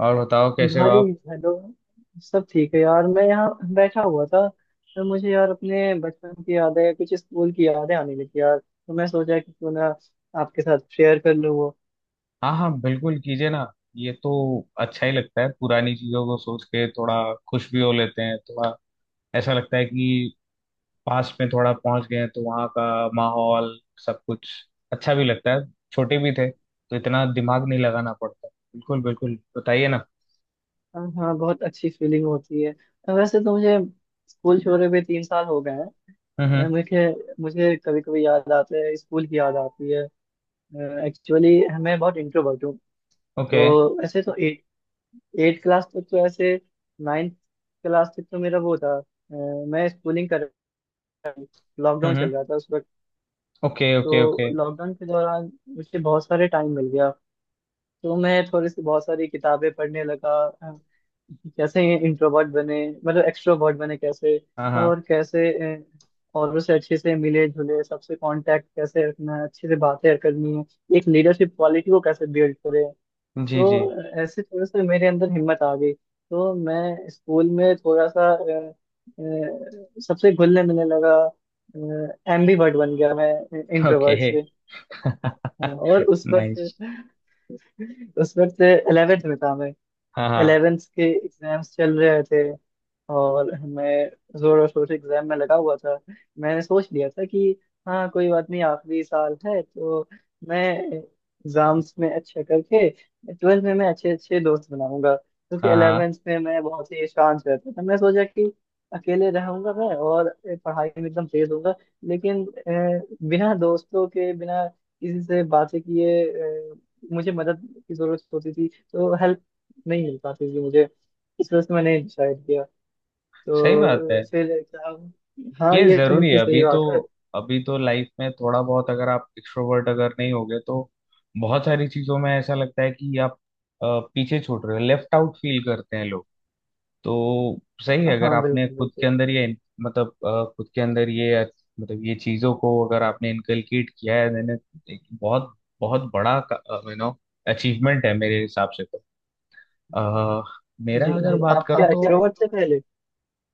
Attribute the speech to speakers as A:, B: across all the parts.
A: और बताओ कैसे हो
B: भाई।
A: आप।
B: हेलो। सब ठीक है यार। मैं यहाँ बैठा हुआ था तो मुझे यार अपने बचपन की यादें कुछ स्कूल की यादें आने लगी यार, तो मैं सोचा कि क्यों ना आपके साथ शेयर कर लूँ वो।
A: हाँ हाँ, बिल्कुल कीजिए ना। ये तो अच्छा ही लगता है, पुरानी चीजों को सोच के थोड़ा खुश भी हो लेते हैं थोड़ा। ऐसा लगता है कि पास्ट में थोड़ा पहुंच गए हैं, तो वहाँ का माहौल सब कुछ अच्छा भी लगता है। छोटे भी थे तो इतना दिमाग नहीं लगाना पड़ता। बिल्कुल बिल्कुल, बताइए ना।
B: हाँ हाँ, बहुत अच्छी फीलिंग होती है। हाँ, वैसे तो मुझे स्कूल छोड़े हुए 3 साल हो गए
A: हम्म।
B: हैं। मुझे मुझे कभी कभी याद आते हैं, स्कूल की याद आती है। एक्चुअली मैं बहुत इंट्रोवर्ट हूँ। तो
A: ओके।
B: वैसे तो एट एट क्लास तक तो ऐसे, नाइन्थ क्लास तक तो मेरा वो था मैं स्कूलिंग कर, लॉकडाउन
A: हम्म।
B: चल रहा था उस वक्त।
A: ओके ओके
B: तो
A: ओके।
B: लॉकडाउन के दौरान मुझे बहुत सारे टाइम मिल गया, तो मैं थोड़ी सी बहुत सारी किताबें पढ़ने लगा। अ, कैसे इंट्रोवर्ट बने, मतलब एक्सट्रोवर्ट बने कैसे,
A: हाँ हाँ।
B: और कैसे अ, औरों से अच्छे से मिले जुले, सबसे कांटेक्ट कैसे रखना है, अच्छे से बातें करनी है, एक लीडरशिप क्वालिटी को कैसे बिल्ड करें।
A: जी जी।
B: तो ऐसे थोड़ा सा मेरे अंदर हिम्मत आ गई। तो मैं स्कूल में थोड़ा सा सबसे घुलने मिलने लगा। एम्बीवर्ट बन गया मैं, इंट्रोवर्ट
A: ओके।
B: से। हाँ, और उस वक्त
A: नाइस।
B: उस वक्त 11th में था मैं।
A: हाँ हाँ
B: 11th के एग्जाम्स चल रहे थे और मैं जोर और शोर से एग्जाम में लगा हुआ था। मैंने सोच लिया था कि हाँ, कोई बात नहीं, आखिरी साल है, तो मैं एग्जाम्स में अच्छा करके ट्वेल्थ में मैं अच्छे अच्छे दोस्त बनाऊंगा, क्योंकि
A: हाँ हाँ।
B: इलेवेंथ में मैं बहुत ही शांत रहता था। मैं सोचा कि अकेले रहूंगा मैं और पढ़ाई में एकदम तेज होऊंगा, लेकिन बिना दोस्तों के, बिना किसी से बातें किए, अ, मुझे मदद की जरूरत होती थी तो हेल्प नहीं मिल पाती थी मुझे। इस वजह से मैंने डिसाइड किया।
A: सही बात है।
B: तो फिर एग्जाम, हाँ
A: ये
B: ये तो
A: जरूरी है
B: बिल्कुल सही
A: अभी तो।
B: बात है।
A: अभी तो लाइफ में थोड़ा बहुत, अगर आप एक्सट्रोवर्ट अगर नहीं होगे तो बहुत सारी चीजों में ऐसा लगता है कि आप पीछे छूट रहे हो, लेफ्ट आउट फील करते हैं लोग। तो सही है, अगर
B: हाँ,
A: आपने
B: बिल्कुल
A: खुद के
B: बिल्कुल।
A: अंदर ये मतलब खुद के अंदर ये मतलब ये चीजों को अगर आपने इनकलकेट किया है, मैंने एक बहुत बहुत बड़ा यू नो अचीवमेंट है मेरे हिसाब से। तो अ,
B: जी।
A: मेरा अगर बात
B: आप
A: करो
B: क्या
A: तो
B: एक्सट्रोवर्ट थे पहले?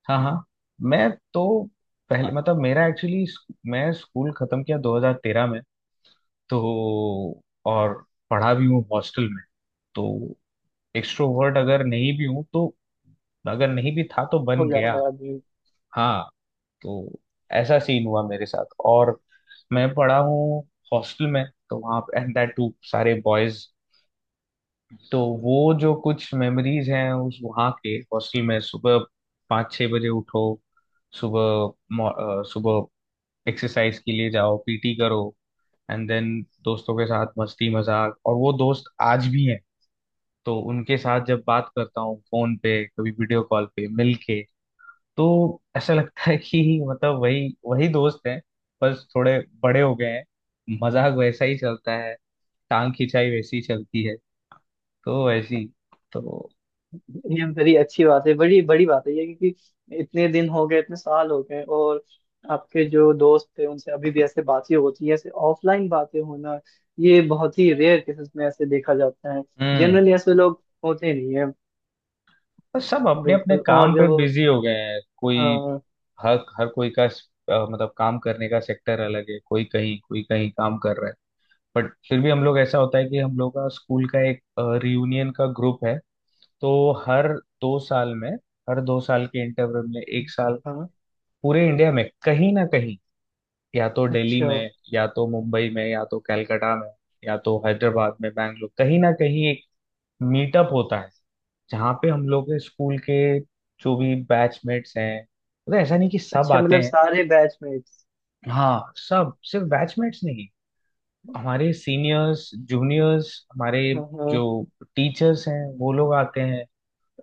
A: हाँ हाँ, मैं तो पहले
B: हाँ,
A: मतलब मेरा एक्चुअली, मैं स्कूल खत्म किया 2013 में। तो और पढ़ा भी हूँ हॉस्टल में। तो एक्सट्रोवर्ट अगर नहीं भी हूँ तो, अगर नहीं भी था तो बन
B: हो जाता
A: गया।
B: है आदमी।
A: हाँ। तो ऐसा सीन हुआ मेरे साथ, और मैं पढ़ा हूँ हॉस्टल में। तो वहाँ एंड दैट टू सारे बॉयज। तो वो जो कुछ मेमोरीज हैं उस वहाँ के हॉस्टल में, सुबह 5-6 बजे उठो, सुबह मॉ- सुबह एक्सरसाइज के लिए जाओ, पीटी करो, एंड देन दोस्तों के साथ मस्ती मजाक, और वो दोस्त आज भी हैं। तो उनके साथ जब बात करता हूँ फोन पे, कभी वीडियो कॉल पे मिल के, तो ऐसा लगता है कि मतलब वही वही दोस्त हैं, बस थोड़े बड़े हो गए हैं। मजाक वैसा ही चलता है, टांग खिंचाई वैसी चलती है, तो वैसी तो।
B: ये बड़ी अच्छी बात है, बड़ी बड़ी बात है ये, क्योंकि इतने दिन हो गए, इतने साल हो गए, और आपके जो दोस्त थे उनसे अभी भी ऐसे बातें होती हैं, ऐसे ऑफलाइन बातें होना, ये बहुत ही रेयर केसेस में ऐसे देखा जाता है।
A: हम्म।
B: जनरली ऐसे लोग होते नहीं है।
A: बस सब अपने अपने
B: बिल्कुल।
A: काम
B: और
A: पे
B: जो,
A: बिजी हो गए हैं कोई।
B: हाँ।
A: हर हर कोई का मतलब काम करने का सेक्टर अलग है, कोई कहीं काम कर रहा है। बट फिर भी हम लोग, ऐसा होता है कि हम लोग का स्कूल का एक रियूनियन का ग्रुप है। तो हर दो साल में हर 2 साल के इंटरवल में, एक साल
B: हाँ,
A: पूरे इंडिया में कहीं ना कहीं, या तो दिल्ली
B: अच्छा।
A: में, या तो मुंबई में, या तो कलकत्ता में, या तो हैदराबाद में, बैंगलोर, कहीं ना कहीं एक मीटअप होता है। जहाँ पे हम लोग के स्कूल के जो भी बैचमेट्स हैं, मतलब ऐसा नहीं कि सब
B: अच्छा
A: आते
B: मतलब
A: हैं।
B: सारे बैचमेट्स।
A: हाँ, सब सिर्फ बैचमेट्स नहीं, हमारे सीनियर्स जूनियर्स, हमारे
B: हाँ
A: जो
B: हाँ
A: टीचर्स हैं वो लोग आते हैं।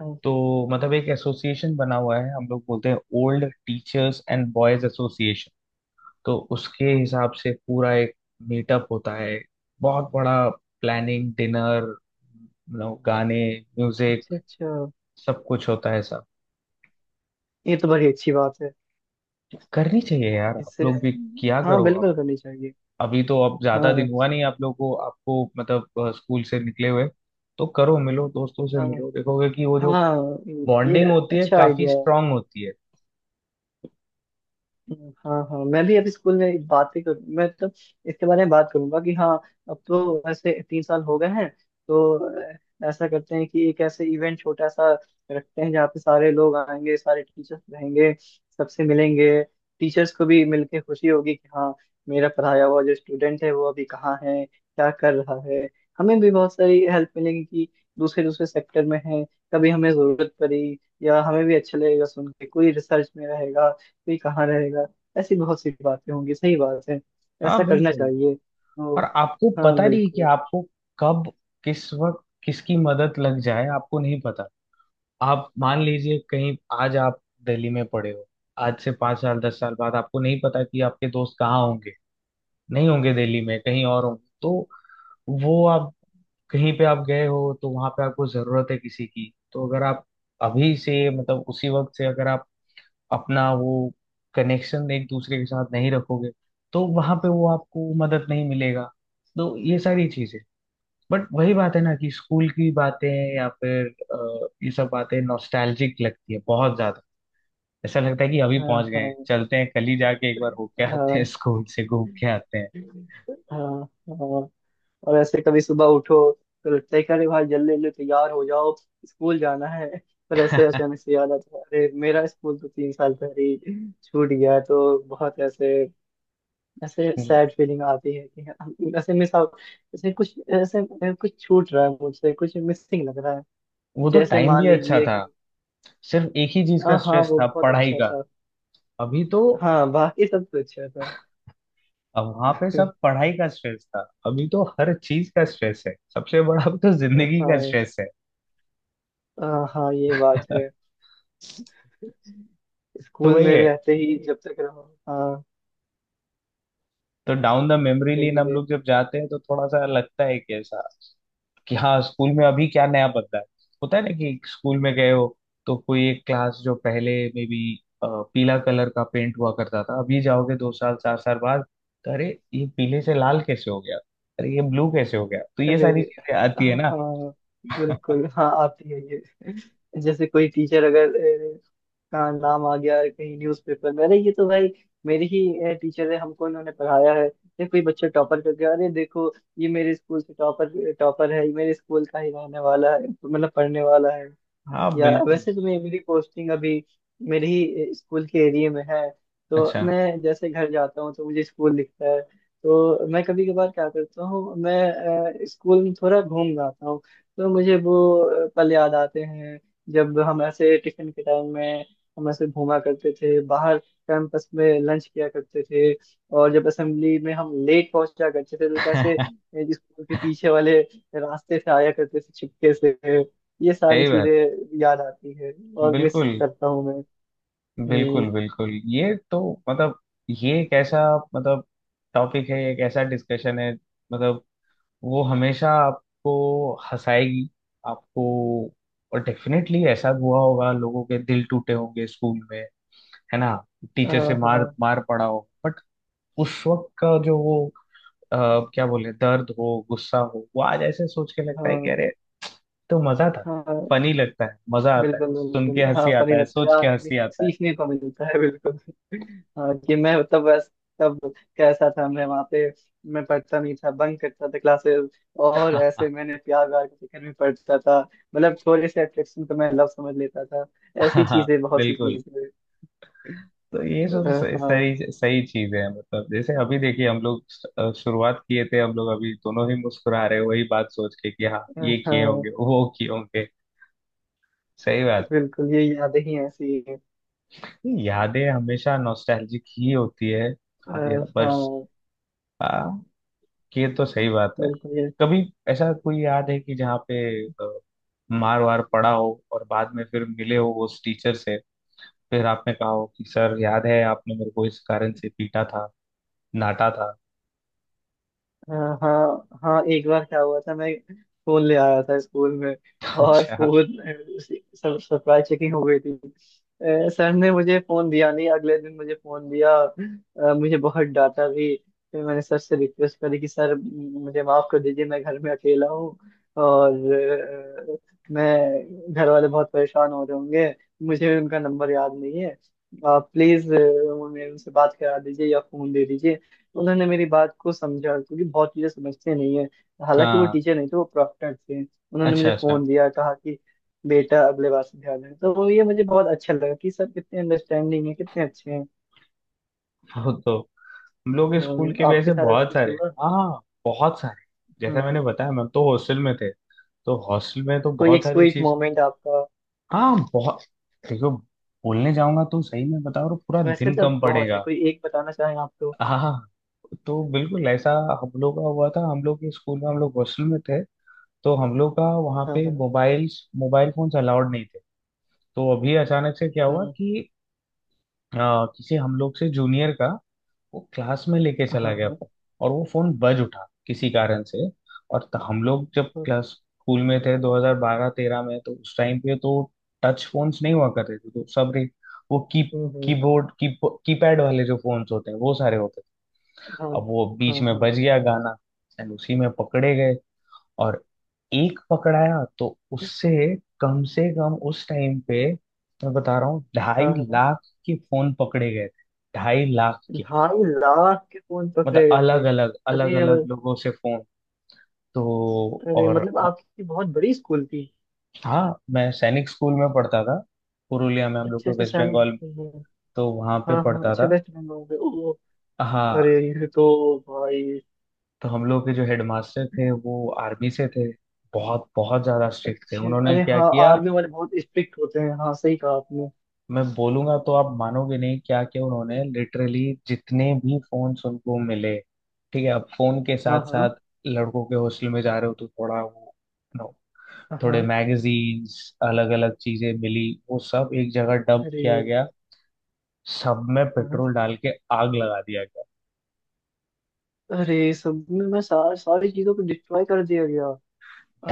B: हाँ।
A: तो मतलब एक एसोसिएशन बना हुआ है, हम लोग बोलते हैं old teachers and boys association. तो उसके हिसाब से पूरा एक मीटअप होता है बहुत बड़ा, प्लानिंग, डिनर, गाने,
B: अच्छा
A: म्यूजिक,
B: अच्छा,
A: सब कुछ होता है सब।
B: ये तो बड़ी अच्छी बात है।
A: करनी चाहिए यार आप
B: इससे,
A: लोग भी, किया
B: हाँ
A: करो।
B: बिल्कुल करनी चाहिए।
A: अभी तो अब ज्यादा दिन
B: हाँ
A: हुआ नहीं आप लोगों को, आपको मतलब स्कूल से निकले हुए। तो करो, मिलो दोस्तों से
B: हाँ
A: मिलो, देखोगे कि वो जो
B: हाँ, ये
A: बॉन्डिंग होती है
B: अच्छा
A: काफी
B: आइडिया है।
A: स्ट्रांग होती है।
B: हाँ हाँ, मैं भी अभी स्कूल में बातें कर, मैं तो इसके बारे में बात करूंगा कि हाँ, अब तो ऐसे 3 साल हो गए हैं, तो ऐसा करते हैं कि एक ऐसे इवेंट छोटा सा रखते हैं जहाँ पे सारे लोग आएंगे, सारे टीचर्स रहेंगे, सबसे मिलेंगे। टीचर्स को भी मिलके खुशी होगी कि हाँ, मेरा पढ़ाया हुआ जो स्टूडेंट है वो अभी कहाँ है, क्या कर रहा है। हमें भी बहुत सारी हेल्प मिलेगी कि दूसरे दूसरे सेक्टर में है, कभी हमें जरूरत पड़ी, या हमें भी अच्छा लगेगा सुन के कोई रिसर्च में रहेगा, कोई कहाँ रहेगा। ऐसी बहुत सी बातें होंगी, सही बात है। ऐसा
A: हाँ
B: करना
A: बिल्कुल।
B: चाहिए। ओ,
A: और आपको
B: हाँ
A: पता नहीं कि
B: बिल्कुल।
A: आपको कब, किस वक्त, किसकी मदद लग जाए आपको नहीं पता। आप मान लीजिए कहीं, आज आप दिल्ली में पड़े हो, आज से 5 साल 10 साल बाद आपको नहीं पता कि आपके दोस्त कहाँ होंगे। नहीं होंगे दिल्ली में, कहीं और होंगे, तो वो आप कहीं पे आप गए हो तो वहां पे आपको जरूरत है किसी की, तो अगर आप अभी से, मतलब उसी वक्त से, अगर आप अपना वो कनेक्शन एक दूसरे के साथ नहीं रखोगे, तो वहां पे वो आपको मदद नहीं मिलेगा। तो ये सारी चीजें, बट वही बात है ना कि स्कूल की बातें या फिर ये सब बातें नॉस्टैल्जिक लगती है बहुत ज्यादा। ऐसा लगता है कि अभी
B: हाँ
A: पहुंच गए हैं।
B: हाँ।
A: चलते हैं कल ही जाके एक बार होके आते हैं,
B: हाँ
A: स्कूल से घूम के आते
B: हाँ हाँ। और ऐसे कभी सुबह उठो तो लगता है कि अरे भाई जल्दी जल्दी तैयार हो जाओ, स्कूल जाना है। पर ऐसे
A: हैं।
B: अचानक से याद आता है, अरे मेरा स्कूल तो 3 साल पहले ही छूट गया। तो बहुत ऐसे, ऐसे सैड फीलिंग आती है कि ऐसे मिस आउट, ऐसे कुछ, ऐसे कुछ छूट रहा है मुझसे, कुछ मिसिंग लग रहा है।
A: वो तो
B: जैसे
A: टाइम भी
B: मान
A: अच्छा
B: लीजिए कि,
A: था, सिर्फ एक ही चीज का
B: हाँ हाँ,
A: स्ट्रेस
B: वो
A: था,
B: बहुत
A: पढ़ाई
B: अच्छा
A: का।
B: था।
A: अभी तो
B: हाँ, बाकी सब तो अच्छा था।
A: वहां पे सब पढ़ाई का स्ट्रेस था। अभी तो हर चीज का स्ट्रेस है, सबसे बड़ा अब तो जिंदगी का
B: हाँ।
A: स्ट्रेस है।
B: हाँ हाँ, ये बात है।
A: तो
B: स्कूल
A: वही
B: में
A: है।
B: रहते ही जब तक रहो। हाँ।
A: तो डाउन द मेमोरी लेन
B: गली
A: हम
B: में,
A: लोग जब जाते हैं, तो थोड़ा सा लगता है कि ऐसा, कि हाँ स्कूल में अभी क्या नया बदला है। होता है ना कि स्कूल में गए हो, तो कोई एक क्लास जो पहले में भी पीला कलर का पेंट हुआ करता था, अभी जाओगे 2 साल 4 साल बाद, तो अरे ये पीले से लाल कैसे हो गया, अरे ये ब्लू कैसे हो गया, तो ये
B: अरे
A: सारी चीजें आती है ना।
B: हाँ, बिल्कुल हाँ, आती है ये। जैसे कोई टीचर अगर अ, का नाम आ गया कहीं न्यूज़पेपर में, अरे ये तो भाई मेरी ही टीचर है, हमको इन्होंने पढ़ाया है। या कोई बच्चा टॉपर कर गया, अरे देखो, ये मेरे स्कूल से टॉपर, टॉपर है ये मेरे स्कूल का ही रहने वाला है, मतलब पढ़ने वाला है।
A: हाँ
B: या
A: बिल्कुल,
B: वैसे तो मेरी मेरी पोस्टिंग अभी मेरे ही स्कूल के एरिया में है, तो
A: अच्छा,
B: मैं जैसे घर जाता हूँ तो मुझे स्कूल दिखता है। तो मैं कभी कभार क्या करता हूँ, मैं स्कूल में थोड़ा घूम जाता हूँ, तो मुझे वो पल याद आते हैं, जब हम ऐसे टिफिन के टाइम में हम ऐसे घूमा करते थे, बाहर कैंपस में लंच किया करते थे, और जब असेंबली में हम लेट पहुंचा करते थे तो कैसे
A: सही
B: स्कूल के पीछे वाले रास्ते से आया करते थे छिपके से। ये सारी चीजें
A: बात है।
B: याद आती है और मिस
A: बिल्कुल
B: करता हूँ मैं। हम्म,
A: बिल्कुल, बिल्कुल ये तो मतलब, ये एक ऐसा मतलब टॉपिक है, एक ऐसा डिस्कशन है, मतलब वो हमेशा आपको हंसाएगी आपको। और डेफिनेटली ऐसा हुआ होगा, लोगों के दिल टूटे होंगे स्कूल में, है ना, टीचर से
B: हाँ
A: मार
B: हाँ
A: मार पड़ा हो, बट उस वक्त का जो वो अ, क्या बोले, दर्द हो, गुस्सा हो, वो आज ऐसे सोच के लगता है कि
B: हाँ।
A: अरे तो मजा था।
B: हाँ
A: फनी लगता है, मजा आता है
B: बिल्कुल
A: सुन के,
B: बिल्कुल, हाँ
A: हंसी
B: फनी
A: आता है
B: लगता है,
A: सोच के,
B: आदमी
A: हंसी आता है।
B: सीखने को मिलता है, बिल्कुल। हाँ, कि मैं तब बस, तब कैसा था मैं वहाँ पे। मैं पढ़ता नहीं था, बंक करता था क्लासेस, और ऐसे मैंने प्यार व्यार के चक्कर में पढ़ता था। मतलब छोटे से अट्रैक्शन को मैं लव समझ लेता था। ऐसी
A: हाँ
B: चीजें, बहुत सी
A: बिल्कुल।
B: चीजें।
A: तो ये सब सही
B: हाँ।
A: सही सही चीज है, मतलब जैसे अभी देखिए हम लोग शुरुआत किए थे, हम लोग अभी दोनों ही मुस्कुरा रहे हैं, वही बात सोच के कि हाँ ये किए
B: हाँ,
A: होंगे वो किए होंगे। सही बात
B: बिल्कुल ये यादें ही ऐसी हैं।
A: है। यादें हमेशा नॉस्टैल्जिक ही होती है। हाँ
B: अ,
A: यार बस,
B: हाँ
A: ये तो सही बात है।
B: बिल्कुल ये।
A: कभी ऐसा कोई याद है कि जहाँ पे अ, मार वार पड़ा हो, और बाद में फिर मिले हो उस टीचर से, फिर आपने कहा हो कि सर याद है आपने मेरे को इस कारण से पीटा था, डांटा था।
B: हाँ हाँ हाँ, एक बार क्या हुआ था, मैं फोन ले आया था स्कूल में, और
A: अच्छा।
B: फोन सब सरप्राइज चेकिंग हो गई थी। सर ने मुझे फोन दिया नहीं, अगले दिन मुझे फोन दिया, मुझे बहुत डांटा भी। फिर मैंने सर से रिक्वेस्ट करी कि सर मुझे माफ कर दीजिए, मैं घर में अकेला हूँ, और अ, मैं घर वाले बहुत परेशान हो रहे होंगे, मुझे उनका नंबर याद नहीं है, आप प्लीज उनसे बात करा दीजिए या फोन दे दीजिए। उन्होंने मेरी बात को समझा, क्योंकि बहुत चीजें समझते नहीं है। हालांकि वो
A: हाँ,
B: टीचर नहीं थे, वो प्रॉक्टर थे। उन्होंने
A: अच्छा
B: मुझे
A: अच्छा।
B: फोन दिया, कहा कि बेटा अगले बार से ध्यान रहे। तो ये मुझे बहुत अच्छा लगा कि सर कितने अंडरस्टैंडिंग है, कितने अच्छे हैं।
A: वो तो हम लोग स्कूल के भी
B: आपके
A: ऐसे
B: साथ ऐसा
A: बहुत
B: कुछ
A: सारे।
B: हुआ?
A: हाँ हाँ, बहुत सारे। जैसा
B: हाँ,
A: मैंने बताया, मैम तो हॉस्टल में थे, तो हॉस्टल में तो
B: कोई
A: बहुत
B: एक
A: सारी
B: कोई
A: चीज।
B: मोमेंट आपका?
A: हाँ बहुत, देखो, बोलने जाऊंगा तो सही में बताओ पूरा
B: वैसे
A: दिन
B: तो
A: कम
B: बहुत है,
A: पड़ेगा।
B: कोई एक बताना चाहें आप तो।
A: हाँ हाँ। तो बिल्कुल ऐसा हम लोग का हुआ था। हम लोग के स्कूल में, हम लोग हॉस्टल में थे, तो हम लोग का वहाँ
B: हाँ
A: पे
B: हाँ
A: मोबाइल फोन्स अलाउड नहीं थे। तो अभी अचानक से क्या हुआ
B: हाँ
A: कि किसी हम लोग से जूनियर का, वो क्लास में लेके
B: हाँ हाँ
A: चला गया
B: हाँ।
A: फोन, और वो फोन बज उठा किसी कारण से। और हम लोग जब क्लास स्कूल में थे 2012-13 में, तो उस टाइम पे तो टच फोन्स नहीं हुआ करते थे, तो सब रे- वो की
B: हम्म, हम्म,
A: कीबोर्ड की कीपैड वाले जो फोन्स होते हैं वो सारे होते थे।
B: हाँ
A: अब वो बीच
B: हाँ
A: में
B: हाँ।
A: बज गया गाना, एंड उसी में पकड़े गए। और एक पकड़ाया तो उससे, कम से कम उस टाइम पे मैं बता रहा हूँ,
B: हाँ,
A: ढाई
B: हाँ।
A: लाख के फोन पकड़े गए थे, 2.5 लाख के।
B: 2.5 लाख के फोन
A: मतलब
B: पकड़े गए थे?
A: अलग अलग अलग अलग
B: अरे।
A: लोगों से फोन। तो
B: अरे,
A: और
B: मतलब आपकी बहुत बड़ी स्कूल थी।
A: हाँ, मैं सैनिक स्कूल में पढ़ता था, पुरुलिया में, हम लोग
B: अच्छे
A: को
B: से
A: वेस्ट
B: सैनिक
A: बंगाल।
B: दिखते हैं।
A: तो वहां पे
B: हाँ हाँ,
A: पढ़ता
B: अच्छा
A: था।
B: वेस्ट बंगाल से। ओ,
A: हाँ।
B: अरे, ये तो भाई।
A: तो हम लोग के जो हेडमास्टर थे वो आर्मी से थे, बहुत बहुत ज्यादा स्ट्रिक्ट थे,
B: अच्छे,
A: उन्होंने
B: अरे
A: क्या
B: हाँ,
A: किया,
B: आर्मी वाले बहुत स्ट्रिक्ट होते हैं, हाँ सही कहा आपने।
A: मैं बोलूंगा तो आप मानोगे नहीं क्या क्या उन्होंने लिटरली। जितने भी फोन्स उनको मिले, ठीक है, अब फोन के
B: हाँ
A: साथ
B: हाँ
A: साथ लड़कों के हॉस्टल में जा रहे हो तो थोड़ा वो, नो,
B: हाँ।
A: थोड़े
B: हाँ।
A: मैगजीन्स, अलग अलग चीजें मिली, वो सब एक जगह डंप
B: अरे,
A: किया गया, सब में
B: हाँ।
A: पेट्रोल डाल के आग लगा दिया गया।
B: अरे सब में, सारी चीजों को डिस्ट्रॉय कर दिया गया।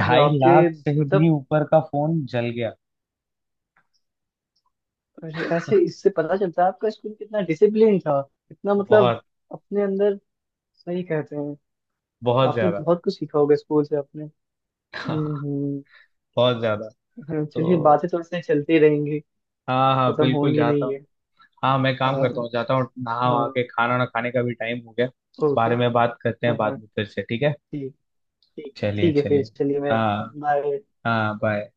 B: अरे आपके
A: लाख से भी
B: मतलब,
A: ऊपर का फोन जल गया।
B: अरे ऐसे इससे पता चलता है आपका स्कूल कितना डिसिप्लिन था, कितना मतलब
A: बहुत
B: अपने अंदर। सही कहते हैं।
A: बहुत
B: आपने
A: ज्यादा।
B: बहुत कुछ सीखा होगा स्कूल से अपने। हम्म हम्म।
A: बहुत ज्यादा।
B: हाँ,
A: तो
B: चलिए बातें तो ऐसे चलती रहेंगी,
A: हाँ हाँ
B: खत्म
A: बिल्कुल,
B: होंगी
A: जाता
B: नहीं
A: हूँ।
B: ये।
A: हाँ मैं काम
B: हाँ
A: करता हूँ, जाता हूँ, नहा
B: हाँ।
A: वहा के खाना ना खाने का भी टाइम हो गया।
B: ओके।
A: बारे में बात करते हैं
B: हाँ हाँ।
A: बाद में फिर से, ठीक है।
B: ठीक, ठीक
A: चलिए
B: ठीक है, फिर
A: चलिए।
B: चलिए मैं
A: हाँ
B: बाय।
A: हाँ, बाय।